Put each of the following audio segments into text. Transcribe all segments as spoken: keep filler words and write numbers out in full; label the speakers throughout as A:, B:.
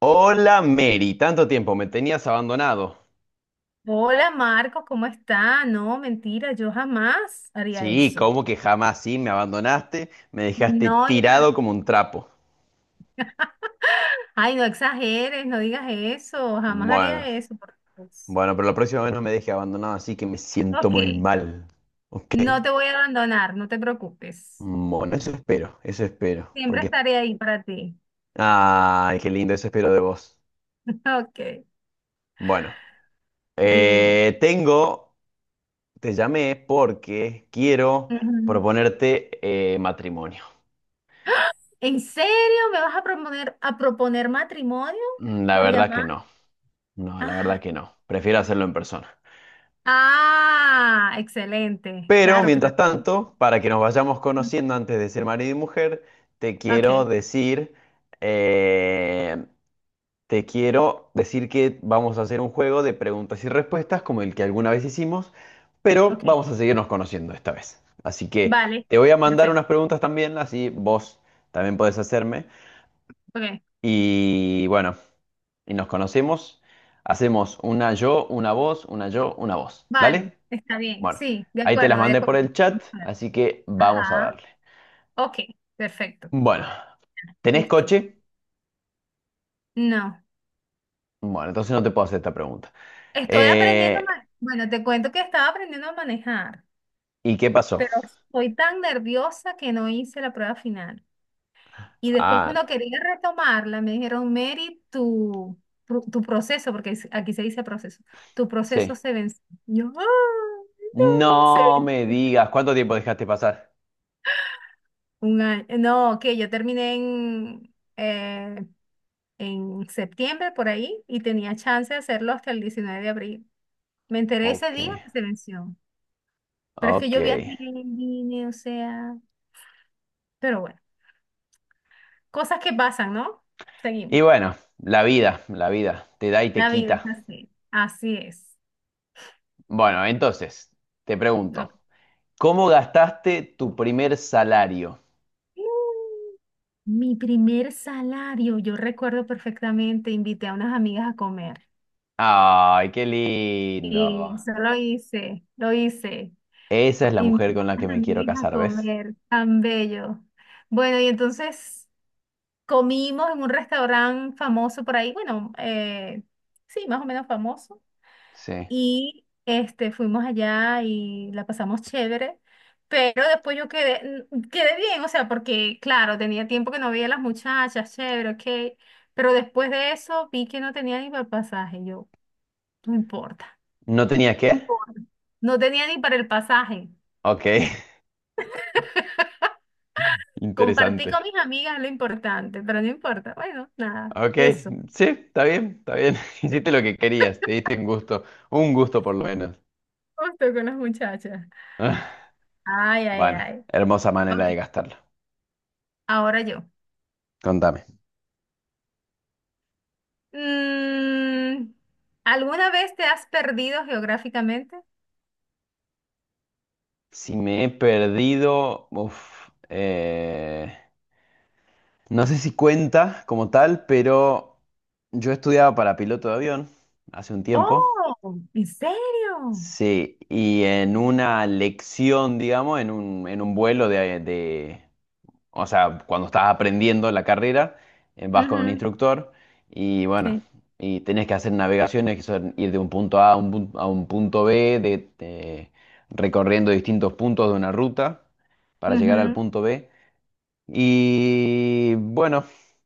A: Hola Mary, tanto tiempo, me tenías abandonado.
B: Hola Marcos, ¿cómo está? No, mentira, yo jamás haría
A: Sí,
B: eso.
A: ¿cómo que jamás sí me abandonaste? Me dejaste
B: No, yo-
A: tirado como un trapo.
B: Ay, no exageres, no digas eso, jamás
A: Bueno,
B: haría eso. Por Dios.
A: bueno, pero la próxima vez no me dejes abandonado, así que me siento muy
B: Ok,
A: mal. ¿Ok?
B: no te voy a abandonar, no te preocupes.
A: Bueno, eso espero, eso espero.
B: Siempre
A: Porque...
B: estaré ahí para ti.
A: Ay, qué lindo, eso espero de vos.
B: Ok,
A: Bueno,
B: dime.
A: eh, tengo, te llamé porque quiero
B: Ujú.
A: proponerte eh, matrimonio.
B: ¿En serio me vas a proponer, a proponer matrimonio
A: Mm, la
B: por
A: verdad que
B: llamar?
A: no, no, la verdad
B: Ah,
A: que no. Prefiero hacerlo en persona.
B: ah, excelente.
A: Pero
B: Claro que te...
A: mientras tanto, para que nos vayamos conociendo antes de ser marido y mujer, te quiero
B: Ok,
A: decir, eh, te quiero decir que vamos a hacer un juego de preguntas y respuestas como el que alguna vez hicimos, pero
B: ok.
A: vamos a seguirnos conociendo esta vez. Así que
B: Vale,
A: te voy a mandar unas
B: perfecto.
A: preguntas también, así vos también podés hacerme.
B: Ok,
A: Y bueno, y nos conocemos. Hacemos una yo, una vos, una yo, una vos.
B: vale,
A: ¿Dale?
B: está bien,
A: Bueno,
B: sí, de
A: ahí te las
B: acuerdo, de
A: mandé por
B: acuerdo.
A: el chat, así que vamos a
B: Ajá,
A: darle.
B: ok, perfecto,
A: Bueno, ¿tenés
B: listo.
A: coche?
B: No,
A: Bueno, entonces no te puedo hacer esta pregunta.
B: estoy aprendiendo a
A: Eh,
B: manejar. Bueno, te cuento que estaba aprendiendo a manejar,
A: ¿y qué pasó?
B: pero estoy tan nerviosa que no hice la prueba final. Y después
A: Ah,
B: cuando quería retomarla, me dijeron, Mary, tu, pro- tu proceso, porque es- aquí se dice proceso, tu proceso
A: sí.
B: se venció. Yo, "Ah, no, se
A: No me
B: venció".
A: digas, ¿cuánto tiempo dejaste pasar?
B: Un año. No, que yo terminé en... eh, en septiembre por ahí y tenía chance de hacerlo hasta el diecinueve de abril. Me enteré ese
A: Ok,
B: día que se venció, pero es que
A: ok.
B: yo viajé, vine, o sea, pero bueno, cosas que pasan, ¿no?
A: Y
B: Seguimos.
A: bueno, la vida, la vida, te da y te
B: La vida es
A: quita.
B: así, así es.
A: Bueno, entonces, te
B: Ok.
A: pregunto, ¿cómo gastaste tu primer salario?
B: Mi primer salario, yo recuerdo perfectamente, invité a unas amigas a comer.
A: Ay, qué
B: Y
A: lindo.
B: eso lo hice, lo hice.
A: Esa es la
B: Invité
A: mujer con la
B: a
A: que
B: unas
A: me quiero
B: amigas a
A: casar, ¿ves?
B: comer, tan bello. Bueno, y entonces comimos en un restaurante famoso por ahí, bueno, eh, sí, más o menos famoso.
A: Sí.
B: Y este, fuimos allá y la pasamos chévere. Pero después yo quedé, mm, quedé bien, o sea, porque claro, tenía tiempo que no veía a las muchachas, chévere, ok. Pero después de eso vi que no tenía ni para el pasaje, yo, no importa.
A: ¿No tenía
B: No
A: qué?
B: importa. No tenía ni para el pasaje.
A: Ok,
B: Compartí con
A: interesante.
B: mis amigas lo importante, pero no importa. Bueno, nada,
A: Ok,
B: eso.
A: sí, está bien, está bien. Hiciste lo que querías, te diste un gusto, un gusto por lo menos.
B: Justo con las muchachas.
A: Ah,
B: Ay, ay,
A: bueno,
B: ay.
A: hermosa manera
B: Ok,
A: de gastarlo.
B: ahora yo.
A: Contame.
B: Mm, ¿alguna vez te has perdido geográficamente?
A: Si me he perdido, uf, eh, no sé si cuenta como tal, pero yo estudiaba para piloto de avión hace un tiempo.
B: Oh, ¿en serio?
A: Sí, y en una lección, digamos, en un, en un vuelo de, de, o sea, cuando estás aprendiendo la carrera, eh, vas con un
B: Ujú,
A: instructor y bueno,
B: sí.
A: y tenés que hacer navegaciones, que son ir de un punto A a un, pun- a un punto B, de, de- recorriendo distintos puntos de una ruta para llegar al
B: Ujú,
A: punto B. Y bueno,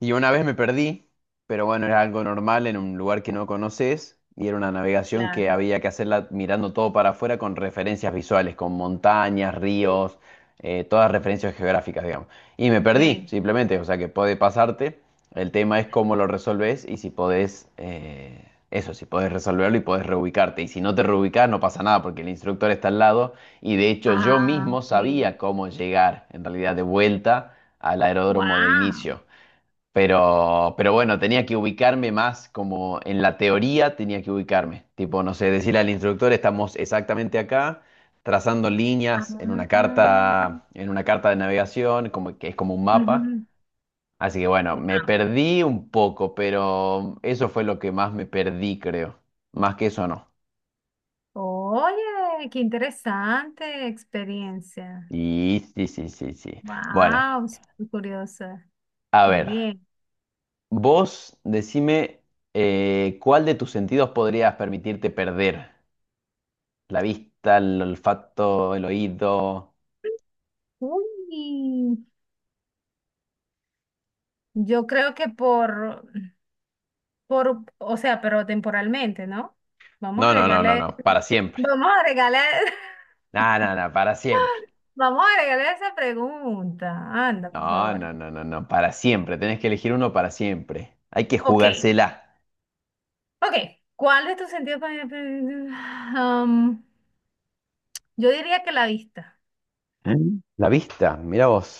A: y una vez me perdí, pero bueno, era algo normal en un lugar que no conoces y era una navegación que
B: claro.
A: había que hacerla mirando todo para afuera con referencias visuales, con montañas, ríos, eh, todas referencias geográficas, digamos. Y me
B: Ok.
A: perdí, simplemente, o sea que puede pasarte. El tema es cómo lo resolves y si podés, eh, eso, si podés resolverlo y podés reubicarte. Y si no te reubicás, no pasa nada porque el instructor está al lado y de hecho yo
B: Ah,
A: mismo
B: ok.
A: sabía cómo llegar en realidad de vuelta al aeródromo de
B: Wow.
A: inicio. Pero, pero bueno, tenía que ubicarme más como en la teoría tenía que ubicarme. Tipo, no sé, decirle al instructor, estamos exactamente acá, trazando líneas en una
B: Ah,
A: carta, en una carta de navegación, como que es como un mapa.
B: ujú.
A: Así que bueno,
B: Wow.
A: me perdí un poco, pero eso fue lo que más me perdí, creo. Más que eso no.
B: Oye, qué interesante experiencia.
A: Y sí, sí, sí, sí. Bueno,
B: Wow, súper curiosa.
A: a
B: Qué
A: ver.
B: bien.
A: Vos decime eh, cuál de tus sentidos podrías permitirte perder. La vista, el olfato, el oído.
B: Uy, yo creo que por Por, o sea, pero temporalmente, ¿no? Vamos a
A: No, no, no, no,
B: agregarle,
A: no, para siempre.
B: vamos a agregarle,
A: No, no, no, para siempre.
B: vamos a agregarle esa pregunta. Anda, por
A: No,
B: favor.
A: no, no, no, no, para siempre. Tenés que elegir uno para siempre. Hay que
B: Ok,
A: jugársela.
B: ok. ¿Cuál de tus sentidos? Para para- Am, yo diría que la vista,
A: Mm. La vista, mira vos.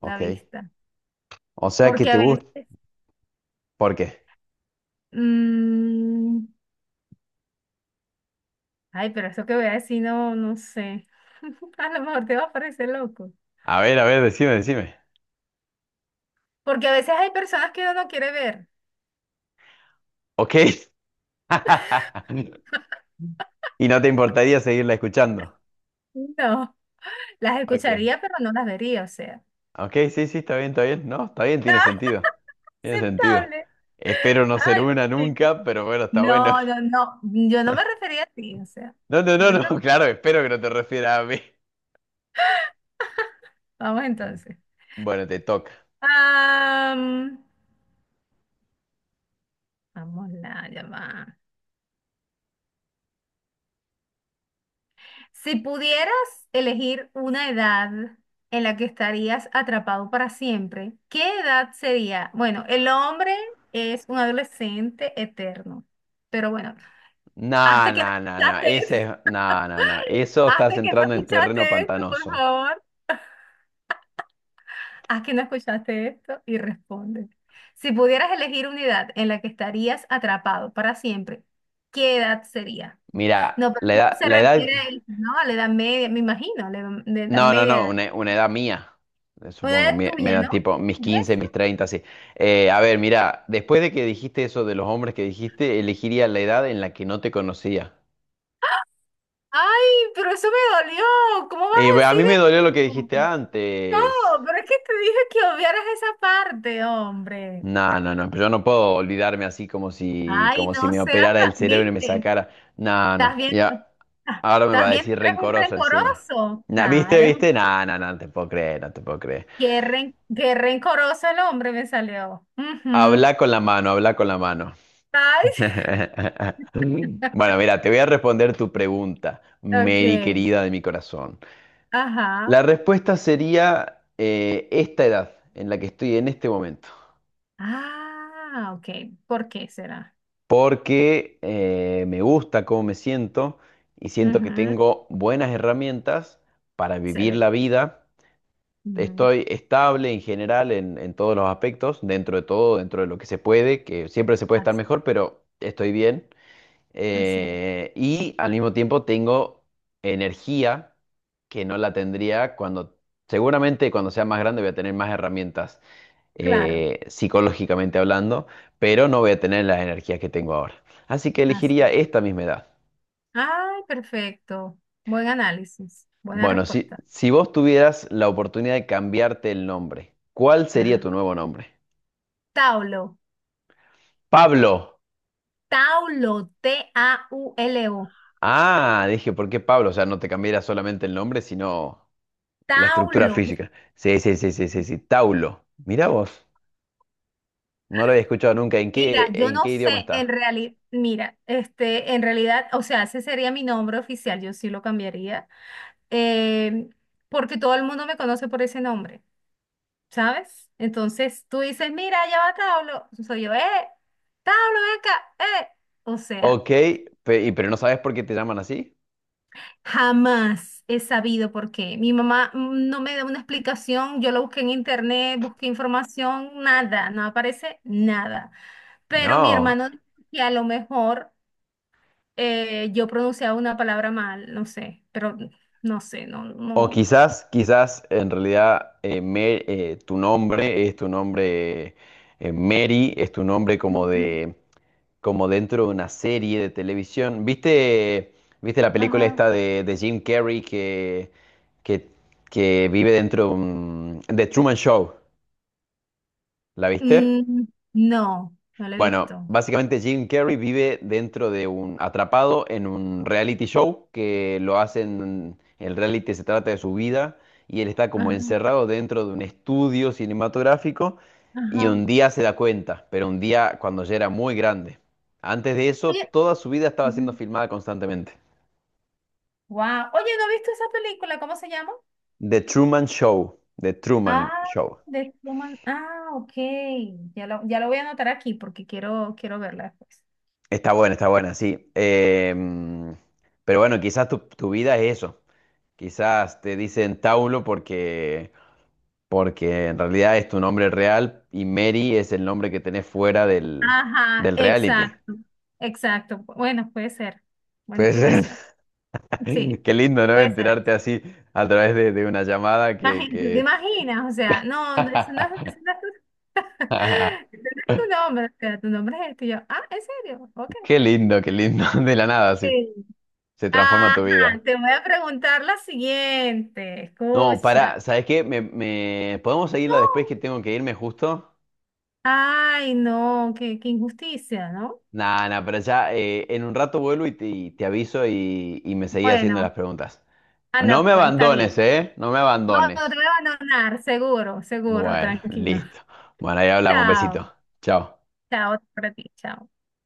B: la
A: Ok.
B: vista.
A: O sea que
B: Porque
A: te
B: a
A: gusta.
B: veces,
A: ¿Por qué?
B: mm, ay, pero eso que voy a decir, no, no sé. A lo mejor te va a parecer loco.
A: A ver, a ver, decime, decime.
B: Porque a veces hay personas que uno no quiere ver.
A: Ok. Y no te importaría seguirla escuchando.
B: No. Las
A: Ok.
B: escucharía, pero no las vería, o sea.
A: Ok, sí, sí, está bien, está bien. No, está bien, tiene sentido. Tiene sentido.
B: Aceptable.
A: Espero no ser
B: Ay,
A: una
B: Dios.
A: nunca, pero bueno, está bueno.
B: No, no, no. Yo no me refería a ti, o sea.
A: No, no,
B: No
A: no,
B: te
A: no,
B: preocupes.
A: claro, espero que no te refieras a mí.
B: Vamos entonces.
A: Bueno, te toca.
B: Am, Vamos la llamada. Si pudieras elegir una edad en la que estarías atrapado para siempre, ¿qué edad sería? Bueno, el hombre es un adolescente eterno. Pero bueno,
A: No,
B: hasta que no
A: no, no, no,
B: escuchaste,
A: ese es... No, no, no, eso
B: hasta
A: estás
B: que no
A: entrando en terreno
B: escuchaste esto, por
A: pantanoso.
B: favor. Aquí no escuchaste esto y responde. Si pudieras elegir unidad en la que estarías atrapado para siempre, ¿qué edad sería?
A: Mira,
B: No, pero
A: la
B: no
A: edad,
B: se
A: la edad...
B: refiere a eso, ¿no? A la edad media, me imagino, a la edad de edad
A: No, no, no,
B: media.
A: una, una edad mía, eh,
B: Una
A: supongo,
B: edad
A: mi, me
B: tuya,
A: da
B: ¿no?
A: tipo mis
B: ¿Es
A: quince, mis
B: eso?
A: treinta, así. Eh, a ver, mira, después de que dijiste eso de los hombres que dijiste, elegiría la edad en la que no te conocía.
B: Ay, pero eso me dolió. ¿Cómo vas
A: Eh,
B: a
A: a mí
B: decir
A: me dolió lo que
B: eso?
A: dijiste antes.
B: No, pero es que te dije que obviaras esa parte, hombre.
A: No, no, no, pero yo no puedo olvidarme así como si,
B: Ay,
A: como si
B: no
A: me
B: seas,
A: operara
B: tan-
A: el cerebro y me
B: ¿viste?
A: sacara. No,
B: ¿Estás
A: no,
B: viendo?
A: ya.
B: Ah,
A: Ahora me
B: ¿estás
A: va a
B: viendo?
A: decir
B: Eres un
A: rencoroso encima.
B: rencoroso.
A: Nah,
B: Ah,
A: ¿viste,
B: eres un...
A: viste? No, no, no, no te puedo creer, no te puedo creer.
B: Qué, ren- qué rencoroso el hombre me salió. Ujú.
A: Habla con la mano, habla con la mano.
B: Ay,
A: Bueno, mira, te voy a responder tu pregunta,
B: ok.
A: Mary querida de mi corazón. La
B: Ajá.
A: respuesta sería eh, esta edad en la que estoy en este momento.
B: Ah, ok. ¿Por qué será?
A: Porque eh, me gusta cómo me siento y siento que
B: Ujú.
A: tengo buenas herramientas para vivir
B: Excelente.
A: la vida.
B: Ujú.
A: Estoy estable en general en, en todos los aspectos, dentro de todo, dentro de lo que se puede, que siempre se puede estar
B: Así,
A: mejor, pero estoy bien.
B: así es.
A: Eh, y al mismo tiempo tengo energía que no la tendría cuando, seguramente cuando sea más grande voy a tener más herramientas
B: Claro.
A: eh, psicológicamente hablando, pero no voy a tener las energías que tengo ahora. Así que
B: Así.
A: elegiría esta misma edad.
B: Ay, perfecto. Buen análisis. Buena
A: Bueno, si,
B: respuesta.
A: si vos tuvieras la oportunidad de cambiarte el nombre, ¿cuál sería
B: Ah,
A: tu nuevo nombre?
B: Taulo.
A: Pablo.
B: Taulo. T A U L O.
A: Ah, dije, ¿por qué Pablo? O sea, no te cambiaría solamente el nombre, sino la estructura
B: Taulo.
A: física. Sí, sí, sí, sí, sí, sí. Taulo. Mirá vos. No lo había escuchado nunca. ¿En
B: Mira,
A: qué,
B: yo
A: ¿en
B: no
A: qué
B: sé,
A: idioma
B: en
A: está?
B: realidad, mira, este, en realidad, o sea, ese sería mi nombre oficial, yo sí lo cambiaría, eh, porque todo el mundo me conoce por ese nombre, ¿sabes? Entonces tú dices, mira, ya va Tablo, soy yo, eh, Tablo, ven acá, eh. O sea,
A: Ok, pe- y- pero ¿no sabes por qué te llaman así?
B: jamás he sabido por qué. Mi mamá mm, no me da una explicación, yo lo busqué en internet, busqué información, nada, no aparece nada. Pero mi
A: No.
B: hermano, dice que a lo mejor eh, yo pronunciaba una palabra mal, no sé, pero no sé, no,
A: O
B: no.
A: quizás, quizás en realidad eh, Mer- eh, tu nombre es tu nombre eh, Mary, es tu nombre como
B: Mm.
A: de como dentro de una serie de televisión. ¿Viste, viste la película
B: Ajá.
A: esta de, de Jim Carrey que, que, que vive dentro de un- de Truman Show? ¿La viste?
B: Mm, no, no la he
A: Bueno,
B: visto.
A: básicamente Jim Carrey vive dentro de un, atrapado en un reality show que lo hacen, el reality se trata de su vida y él está como
B: Ajá,
A: encerrado dentro de un estudio cinematográfico y
B: ajá.
A: un día se da cuenta, pero un día cuando ya era muy grande. Antes de eso,
B: Oye,
A: toda su vida estaba siendo filmada constantemente.
B: wow. Oye, ¿no he visto esa película? ¿Cómo se llama?
A: The Truman Show, The Truman
B: Ah,
A: Show.
B: de Truman. Ah, ok. Ya lo, ya lo voy a anotar aquí porque quiero, quiero verla después.
A: Está buena, está buena, sí. Em, pero bueno, quizás tu, tu vida es eso. Quizás te dicen Taulo porque, porque en realidad es tu nombre real y Mary es el nombre que tenés fuera del,
B: Ajá,
A: del reality.
B: exacto, exacto. Bueno, puede ser. Buena
A: Pues
B: explicación. Sí,
A: qué lindo, ¿no?
B: puede ser.
A: Enterarte así a través de, de una llamada que,
B: Imagínate, ¿tú te
A: que...
B: imaginas? O sea, no, no, eso no es, eso no es tu, ese no es tu nombre, o sea, tu nombre es este. Y yo, ah, ¿en serio? Ok.
A: Qué lindo, qué lindo. De la nada, sí.
B: Sí.
A: Se transforma
B: Ajá,
A: tu vida.
B: te voy a preguntar la siguiente.
A: No,
B: Escucha.
A: pará, ¿sabes qué? Me, me- ¿Podemos seguirla
B: No.
A: después que tengo que irme justo?
B: Ay, no, qué, qué injusticia, ¿no?
A: Nada, nada, pero ya eh, en un rato vuelvo y te, y te aviso y, y me seguí haciendo las
B: Bueno,
A: preguntas. No
B: anda
A: me
B: pues, está
A: abandones,
B: bien.
A: ¿eh? No me
B: No, no te
A: abandones.
B: voy a abandonar, seguro, seguro,
A: Bueno,
B: tranquilo.
A: listo. Bueno, ahí hablamos. Un besito.
B: Chao,
A: Chao.
B: chao para ti, chao.